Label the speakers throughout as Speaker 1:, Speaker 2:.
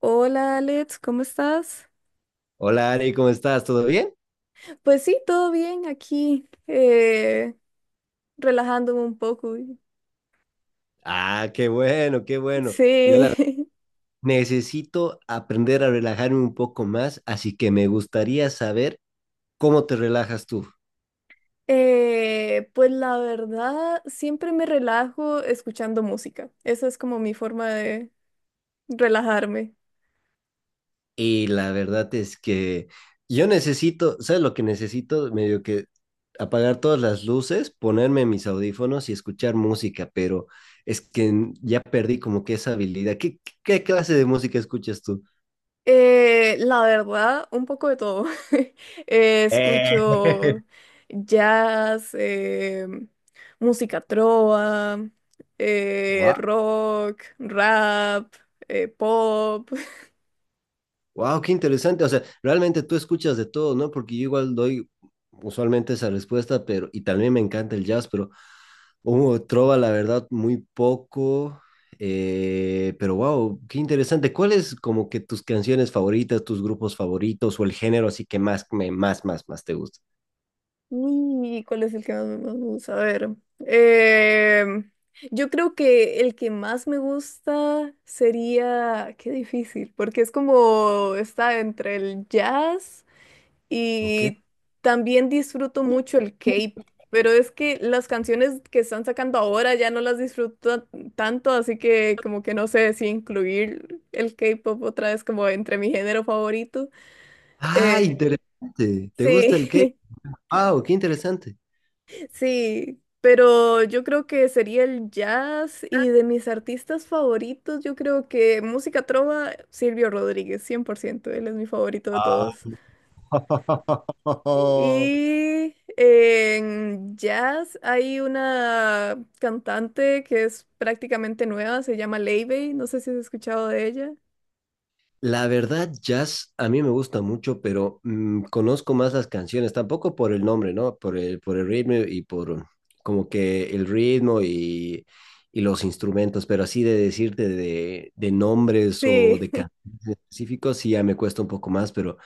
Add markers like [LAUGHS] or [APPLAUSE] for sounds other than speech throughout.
Speaker 1: Hola Alex, ¿cómo estás?
Speaker 2: Hola Ari, ¿cómo estás? ¿Todo bien?
Speaker 1: Pues sí, todo bien aquí, relajándome un poco.
Speaker 2: Ah, qué bueno, qué bueno. Yo la
Speaker 1: Sí.
Speaker 2: necesito aprender a relajarme un poco más, así que me gustaría saber cómo te relajas tú.
Speaker 1: [LAUGHS] Pues la verdad, siempre me relajo escuchando música. Esa es como mi forma de relajarme.
Speaker 2: Y la verdad es que yo necesito, ¿sabes lo que necesito? Medio que apagar todas las luces, ponerme mis audífonos y escuchar música, pero es que ya perdí como que esa habilidad. ¿Qué, qué clase de música escuchas tú?
Speaker 1: La verdad, un poco de todo. [LAUGHS]
Speaker 2: Eh,
Speaker 1: Escucho jazz, música trova,
Speaker 2: Wow.
Speaker 1: rock, rap, pop. [LAUGHS]
Speaker 2: Wow, qué interesante. O sea, realmente tú escuchas de todo, ¿no? Porque yo igual doy usualmente esa respuesta, pero, y también me encanta el jazz, pero hubo trova, la verdad, muy poco. Pero wow, qué interesante. ¿Cuáles como que tus canciones favoritas, tus grupos favoritos o el género así que más, me, más, más, más te gusta?
Speaker 1: ¿Y cuál es el que más me gusta? A ver. em, yo creo que el que más me gusta sería... Qué difícil, porque es como está entre el jazz.
Speaker 2: Ok.
Speaker 1: Y también disfruto mucho el K-pop, pero es que las canciones que están sacando ahora ya no las disfruto tanto, así que como que no sé si incluir el K-pop otra vez como entre mi género favorito.
Speaker 2: Ah,
Speaker 1: Eh,
Speaker 2: interesante. ¿Te gusta el
Speaker 1: sí.
Speaker 2: qué? Wow, qué interesante.
Speaker 1: [LAUGHS] Sí, pero yo creo que sería el jazz, y de mis artistas favoritos, yo creo que música trova, Silvio Rodríguez, 100% él es mi favorito de
Speaker 2: Ah.
Speaker 1: todos.
Speaker 2: [LAUGHS]
Speaker 1: Y en jazz hay una cantante que es prácticamente nueva, se llama Leibey, no sé si has escuchado de ella.
Speaker 2: La verdad, jazz a mí me gusta mucho, pero mm, conozco más las canciones, tampoco por el nombre, ¿no? Por el ritmo y por como que el ritmo y los instrumentos, pero así de decirte de nombres o
Speaker 1: Sí.
Speaker 2: de
Speaker 1: [LAUGHS]
Speaker 2: canciones específicos, sí ya me cuesta un poco más, pero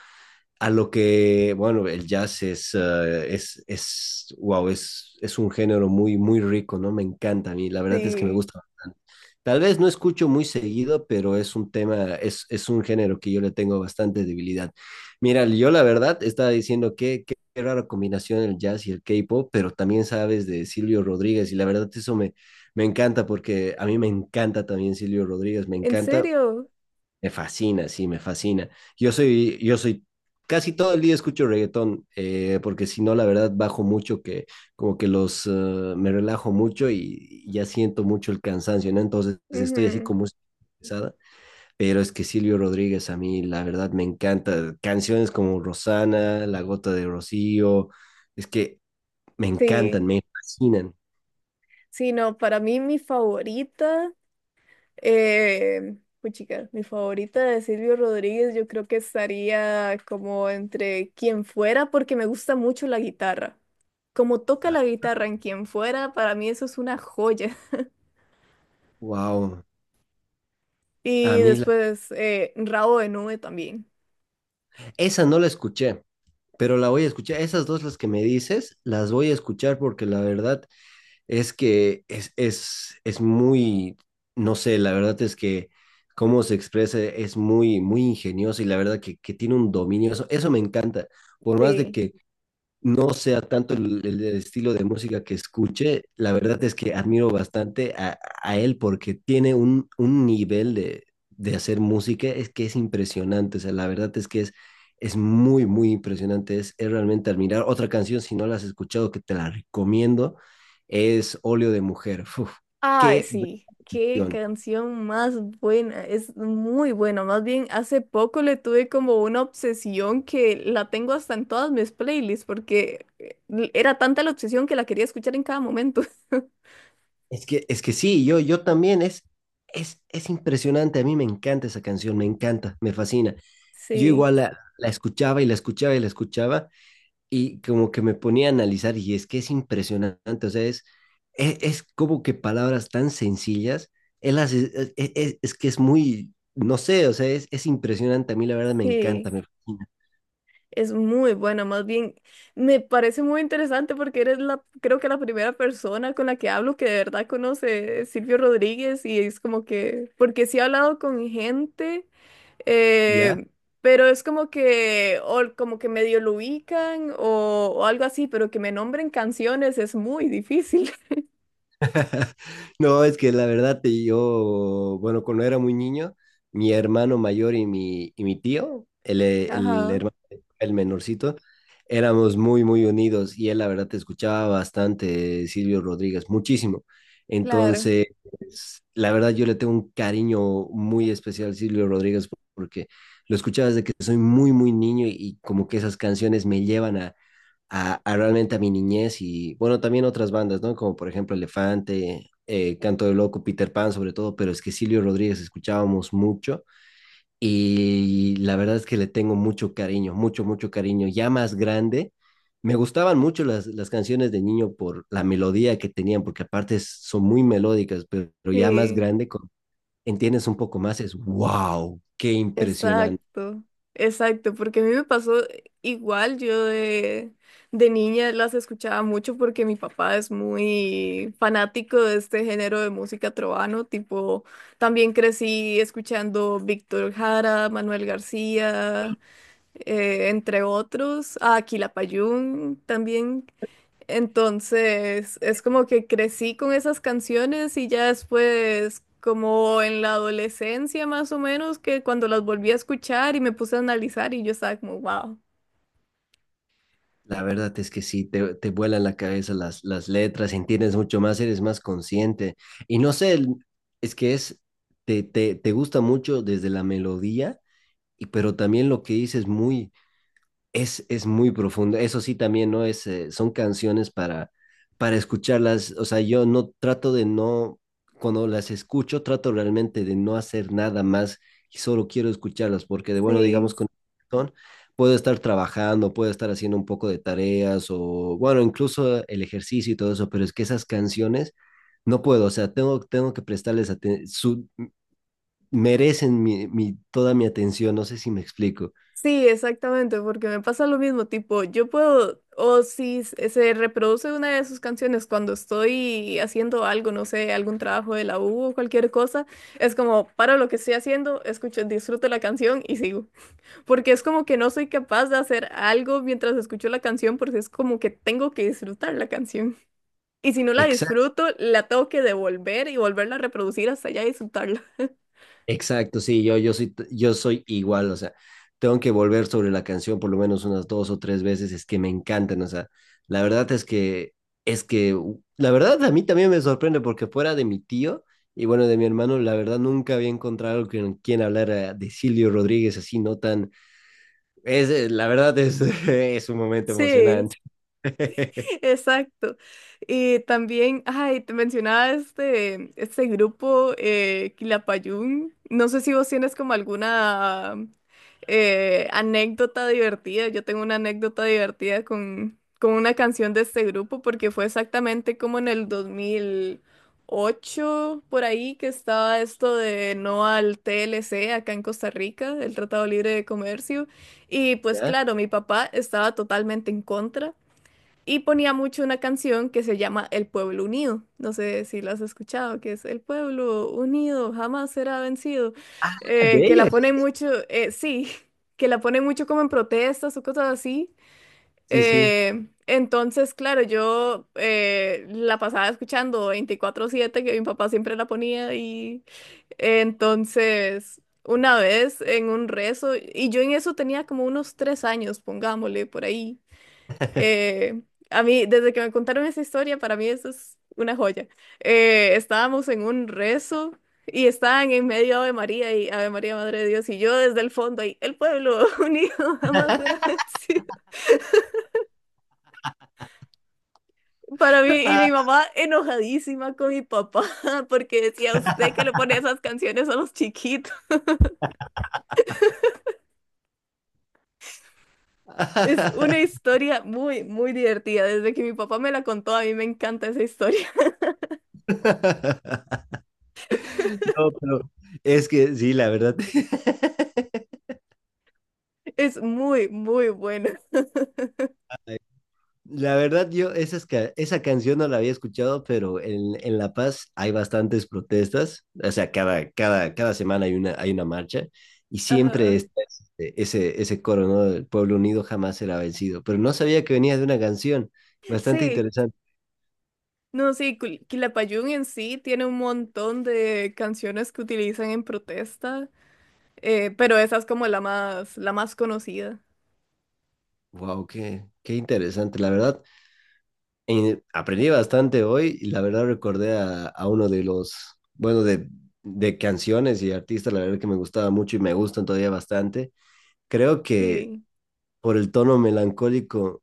Speaker 2: a lo que, bueno, el jazz wow, es un género muy, muy rico, ¿no? Me encanta a mí, la verdad es que me
Speaker 1: Sí,
Speaker 2: gusta bastante. Tal vez no escucho muy seguido, pero es un género que yo le tengo bastante debilidad. Mira, yo la verdad estaba diciendo que qué rara combinación el jazz y el K-pop, pero también sabes de Silvio Rodríguez y la verdad eso me, me encanta porque a mí me encanta también Silvio Rodríguez, me
Speaker 1: ¿en
Speaker 2: encanta.
Speaker 1: serio?
Speaker 2: Me fascina, sí, me fascina. Yo soy, yo soy, Casi todo el día escucho reggaetón, porque si no, la verdad, bajo mucho que, como que los, me relajo mucho y, ya siento mucho el cansancio, ¿no? Entonces estoy así
Speaker 1: Ujú.
Speaker 2: como pesada, pero es que Silvio Rodríguez a mí, la verdad, me encanta. Canciones como Rosana, La Gota de Rocío, es que me
Speaker 1: Sí,
Speaker 2: encantan, me fascinan.
Speaker 1: sí, no, para mí mi favorita, puchica, mi favorita de Silvio Rodríguez yo creo que estaría como entre Quien Fuera, porque me gusta mucho la guitarra. Como toca la guitarra en Quien Fuera, para mí eso es una joya.
Speaker 2: Wow, a
Speaker 1: Y
Speaker 2: mí, la-
Speaker 1: después, Rabo de Nube también.
Speaker 2: esa no la escuché, pero la voy a escuchar. Esas dos las que me dices, las voy a escuchar porque la verdad es que es muy, no sé, la verdad es que cómo se expresa es muy, muy ingenioso y la verdad que tiene un dominio. Eso me encanta. Por más de
Speaker 1: Sí.
Speaker 2: que no sea tanto el estilo de música que escuche, la verdad es que admiro bastante a él porque tiene un nivel de hacer música, es que es impresionante, o sea, la verdad es que es muy, muy impresionante, es realmente admirar. Otra canción, si no la has escuchado, que te la recomiendo, es Óleo de Mujer. Uf,
Speaker 1: Ay,
Speaker 2: qué
Speaker 1: sí. Qué
Speaker 2: canción.
Speaker 1: canción más buena. Es muy buena. Más bien, hace poco le tuve como una obsesión que la tengo hasta en todas mis playlists, porque era tanta la obsesión que la quería escuchar en cada momento. [LAUGHS]
Speaker 2: Es que sí, yo también, es impresionante, a mí me encanta esa canción, me encanta, me fascina. Yo
Speaker 1: Sí,
Speaker 2: igual la escuchaba y la escuchaba y la escuchaba y como que me ponía a analizar y es que es impresionante, o sea, es como que palabras tan sencillas, él hace, es que es muy, no sé, o sea, es impresionante, a mí la verdad me encanta,
Speaker 1: sí.
Speaker 2: me fascina,
Speaker 1: Es muy buena. Más bien me parece muy interesante porque eres la, creo que la primera persona con la que hablo que de verdad conoce Silvio Rodríguez, y es como que, porque sí he hablado con gente,
Speaker 2: ¿ya?
Speaker 1: eh, pero es como que, o como que medio lo ubican o algo así, pero que me nombren canciones es muy difícil.
Speaker 2: [LAUGHS] No, es que la verdad, bueno, cuando era muy niño, mi hermano mayor y mi tío,
Speaker 1: [LAUGHS]
Speaker 2: el
Speaker 1: Ajá,
Speaker 2: hermano, el menorcito, éramos muy, muy unidos y él, la verdad, te escuchaba bastante, Silvio Rodríguez, muchísimo.
Speaker 1: claro,
Speaker 2: Entonces, la verdad, yo le tengo un cariño muy especial a Silvio Rodríguez porque lo escuchaba desde que soy muy, muy niño y como que esas canciones me llevan a realmente a mi niñez y, bueno, también otras bandas, ¿no? Como por ejemplo Elefante, Canto de Loco, Peter Pan sobre todo, pero es que Silvio Rodríguez escuchábamos mucho y la verdad es que le tengo mucho cariño, mucho, mucho cariño, ya más grande. Me gustaban mucho las canciones de niño por la melodía que tenían, porque aparte son muy melódicas, pero ya más
Speaker 1: sí.
Speaker 2: grande, entiendes un poco más, es wow, qué impresionante.
Speaker 1: Exacto, exacto, porque a mí me pasó igual, yo de niña las escuchaba mucho porque mi papá es muy fanático de este género de música trovano, tipo, también crecí escuchando Víctor Jara, Manuel García, entre otros, a Quilapayún también. Entonces, es como que crecí con esas canciones, y ya después, como en la adolescencia más o menos, que cuando las volví a escuchar y me puse a analizar, y yo estaba como, wow.
Speaker 2: La verdad es que sí, te vuelan la cabeza las letras, entiendes mucho más, eres más consciente. Y no sé, es que es, te gusta mucho desde la melodía, y, pero también lo que dices muy, es muy profundo. Eso sí, también, ¿no? Son canciones para escucharlas. O sea, yo no trato de no, cuando las escucho, trato realmente de no hacer nada más y solo quiero escucharlas, porque de bueno, digamos,
Speaker 1: Sí,
Speaker 2: con el reggaetón, puedo estar trabajando, puedo estar haciendo un poco de tareas o, bueno, incluso el ejercicio y todo eso, pero es que esas canciones no puedo, o sea, tengo que prestarles atención, merecen toda mi atención, no sé si me explico.
Speaker 1: sí, exactamente, porque me pasa lo mismo. Tipo, yo puedo, o si se reproduce una de sus canciones cuando estoy haciendo algo, no sé, algún trabajo de la U o cualquier cosa, es como, paro lo que estoy haciendo, escucho, disfruto la canción y sigo. Porque es como que no soy capaz de hacer algo mientras escucho la canción, porque es como que tengo que disfrutar la canción. Y si no la
Speaker 2: Exacto.
Speaker 1: disfruto, la tengo que devolver y volverla a reproducir hasta ya disfrutarla.
Speaker 2: Exacto, sí, yo soy igual, o sea, tengo que volver sobre la canción por lo menos unas dos o tres veces, es que me encantan, o sea, la verdad es que, la verdad a mí también me sorprende porque fuera de mi tío y bueno, de mi hermano, la verdad nunca había encontrado con quien hablar de Silvio Rodríguez así, no tan, la verdad es, [LAUGHS] es un momento
Speaker 1: [LAUGHS] Sí.
Speaker 2: emocionante. [LAUGHS]
Speaker 1: [LAUGHS] Exacto. Y también, ay, te mencionaba este, este grupo, Quilapayún. No sé si vos tienes como alguna anécdota divertida. Yo tengo una anécdota divertida con una canción de este grupo, porque fue exactamente como en el 2008, por ahí, que estaba esto de no al TLC acá en Costa Rica, el Tratado Libre de Comercio. Y pues
Speaker 2: ¿Ya?
Speaker 1: claro, mi papá estaba totalmente en contra. Y ponía mucho una canción que se llama El Pueblo Unido. No sé si la has escuchado, que es El Pueblo Unido jamás será vencido.
Speaker 2: Ah, de
Speaker 1: Que la
Speaker 2: ellos,
Speaker 1: ponen mucho, sí, [LAUGHS] que la ponen mucho como en protestas o cosas así.
Speaker 2: sí, sí.
Speaker 1: Entonces, claro, yo la pasaba escuchando 24/7, que mi papá siempre la ponía. Y entonces, una vez en un rezo, y yo en eso tenía como unos 3 años, pongámosle por ahí. Eh, a mí, desde que me contaron esa historia, para mí eso es una joya. Estábamos en un rezo y estaban en medio Ave María y Ave María, Madre de Dios, y yo desde el fondo ahí, el pueblo [LAUGHS] unido jamás será vencido. Para mí, y mi
Speaker 2: Ah,
Speaker 1: mamá enojadísima con mi papá, [LAUGHS] porque decía usted que le pone esas canciones a los chiquitos. Es una
Speaker 2: [LAUGHS]
Speaker 1: historia muy, muy divertida. Desde que mi papá me la contó, a mí me encanta esa historia. [LAUGHS]
Speaker 2: No, pero es que sí, la verdad. [LAUGHS]
Speaker 1: Es muy, muy buena. [LAUGHS]
Speaker 2: Ay, la verdad, yo esas esa canción no la había escuchado, pero en La Paz hay bastantes protestas. O sea, cada semana hay una marcha y siempre
Speaker 1: Ajá.
Speaker 2: está ese coro, ¿no? El pueblo unido jamás será vencido. Pero no sabía que venía de una canción. Bastante
Speaker 1: Sí,
Speaker 2: interesante.
Speaker 1: no, sí, Quilapayún en sí tiene un montón de canciones que utilizan en protesta, pero esa es como la más conocida.
Speaker 2: Wow, qué interesante. La verdad, aprendí bastante hoy y la verdad recordé a uno de los, bueno, de canciones y artistas, la verdad que me gustaba mucho y me gustan todavía bastante. Creo que
Speaker 1: Sí,
Speaker 2: por el tono melancólico,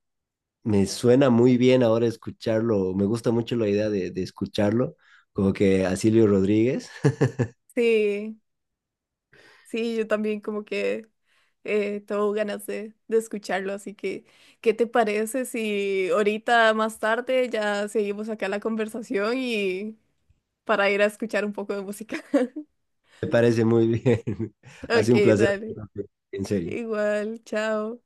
Speaker 2: me suena muy bien ahora escucharlo, me gusta mucho la idea de escucharlo, como que a Silvio Rodríguez,
Speaker 1: sí, sí, yo también como que tengo ganas de escucharlo, así que, ¿qué te parece si ahorita más tarde ya seguimos acá la conversación y para ir a escuchar un poco de música? [LAUGHS]
Speaker 2: [LAUGHS] me parece muy bien, [LAUGHS]
Speaker 1: Ok,
Speaker 2: hace un placer,
Speaker 1: dale,
Speaker 2: en serio.
Speaker 1: igual, chao.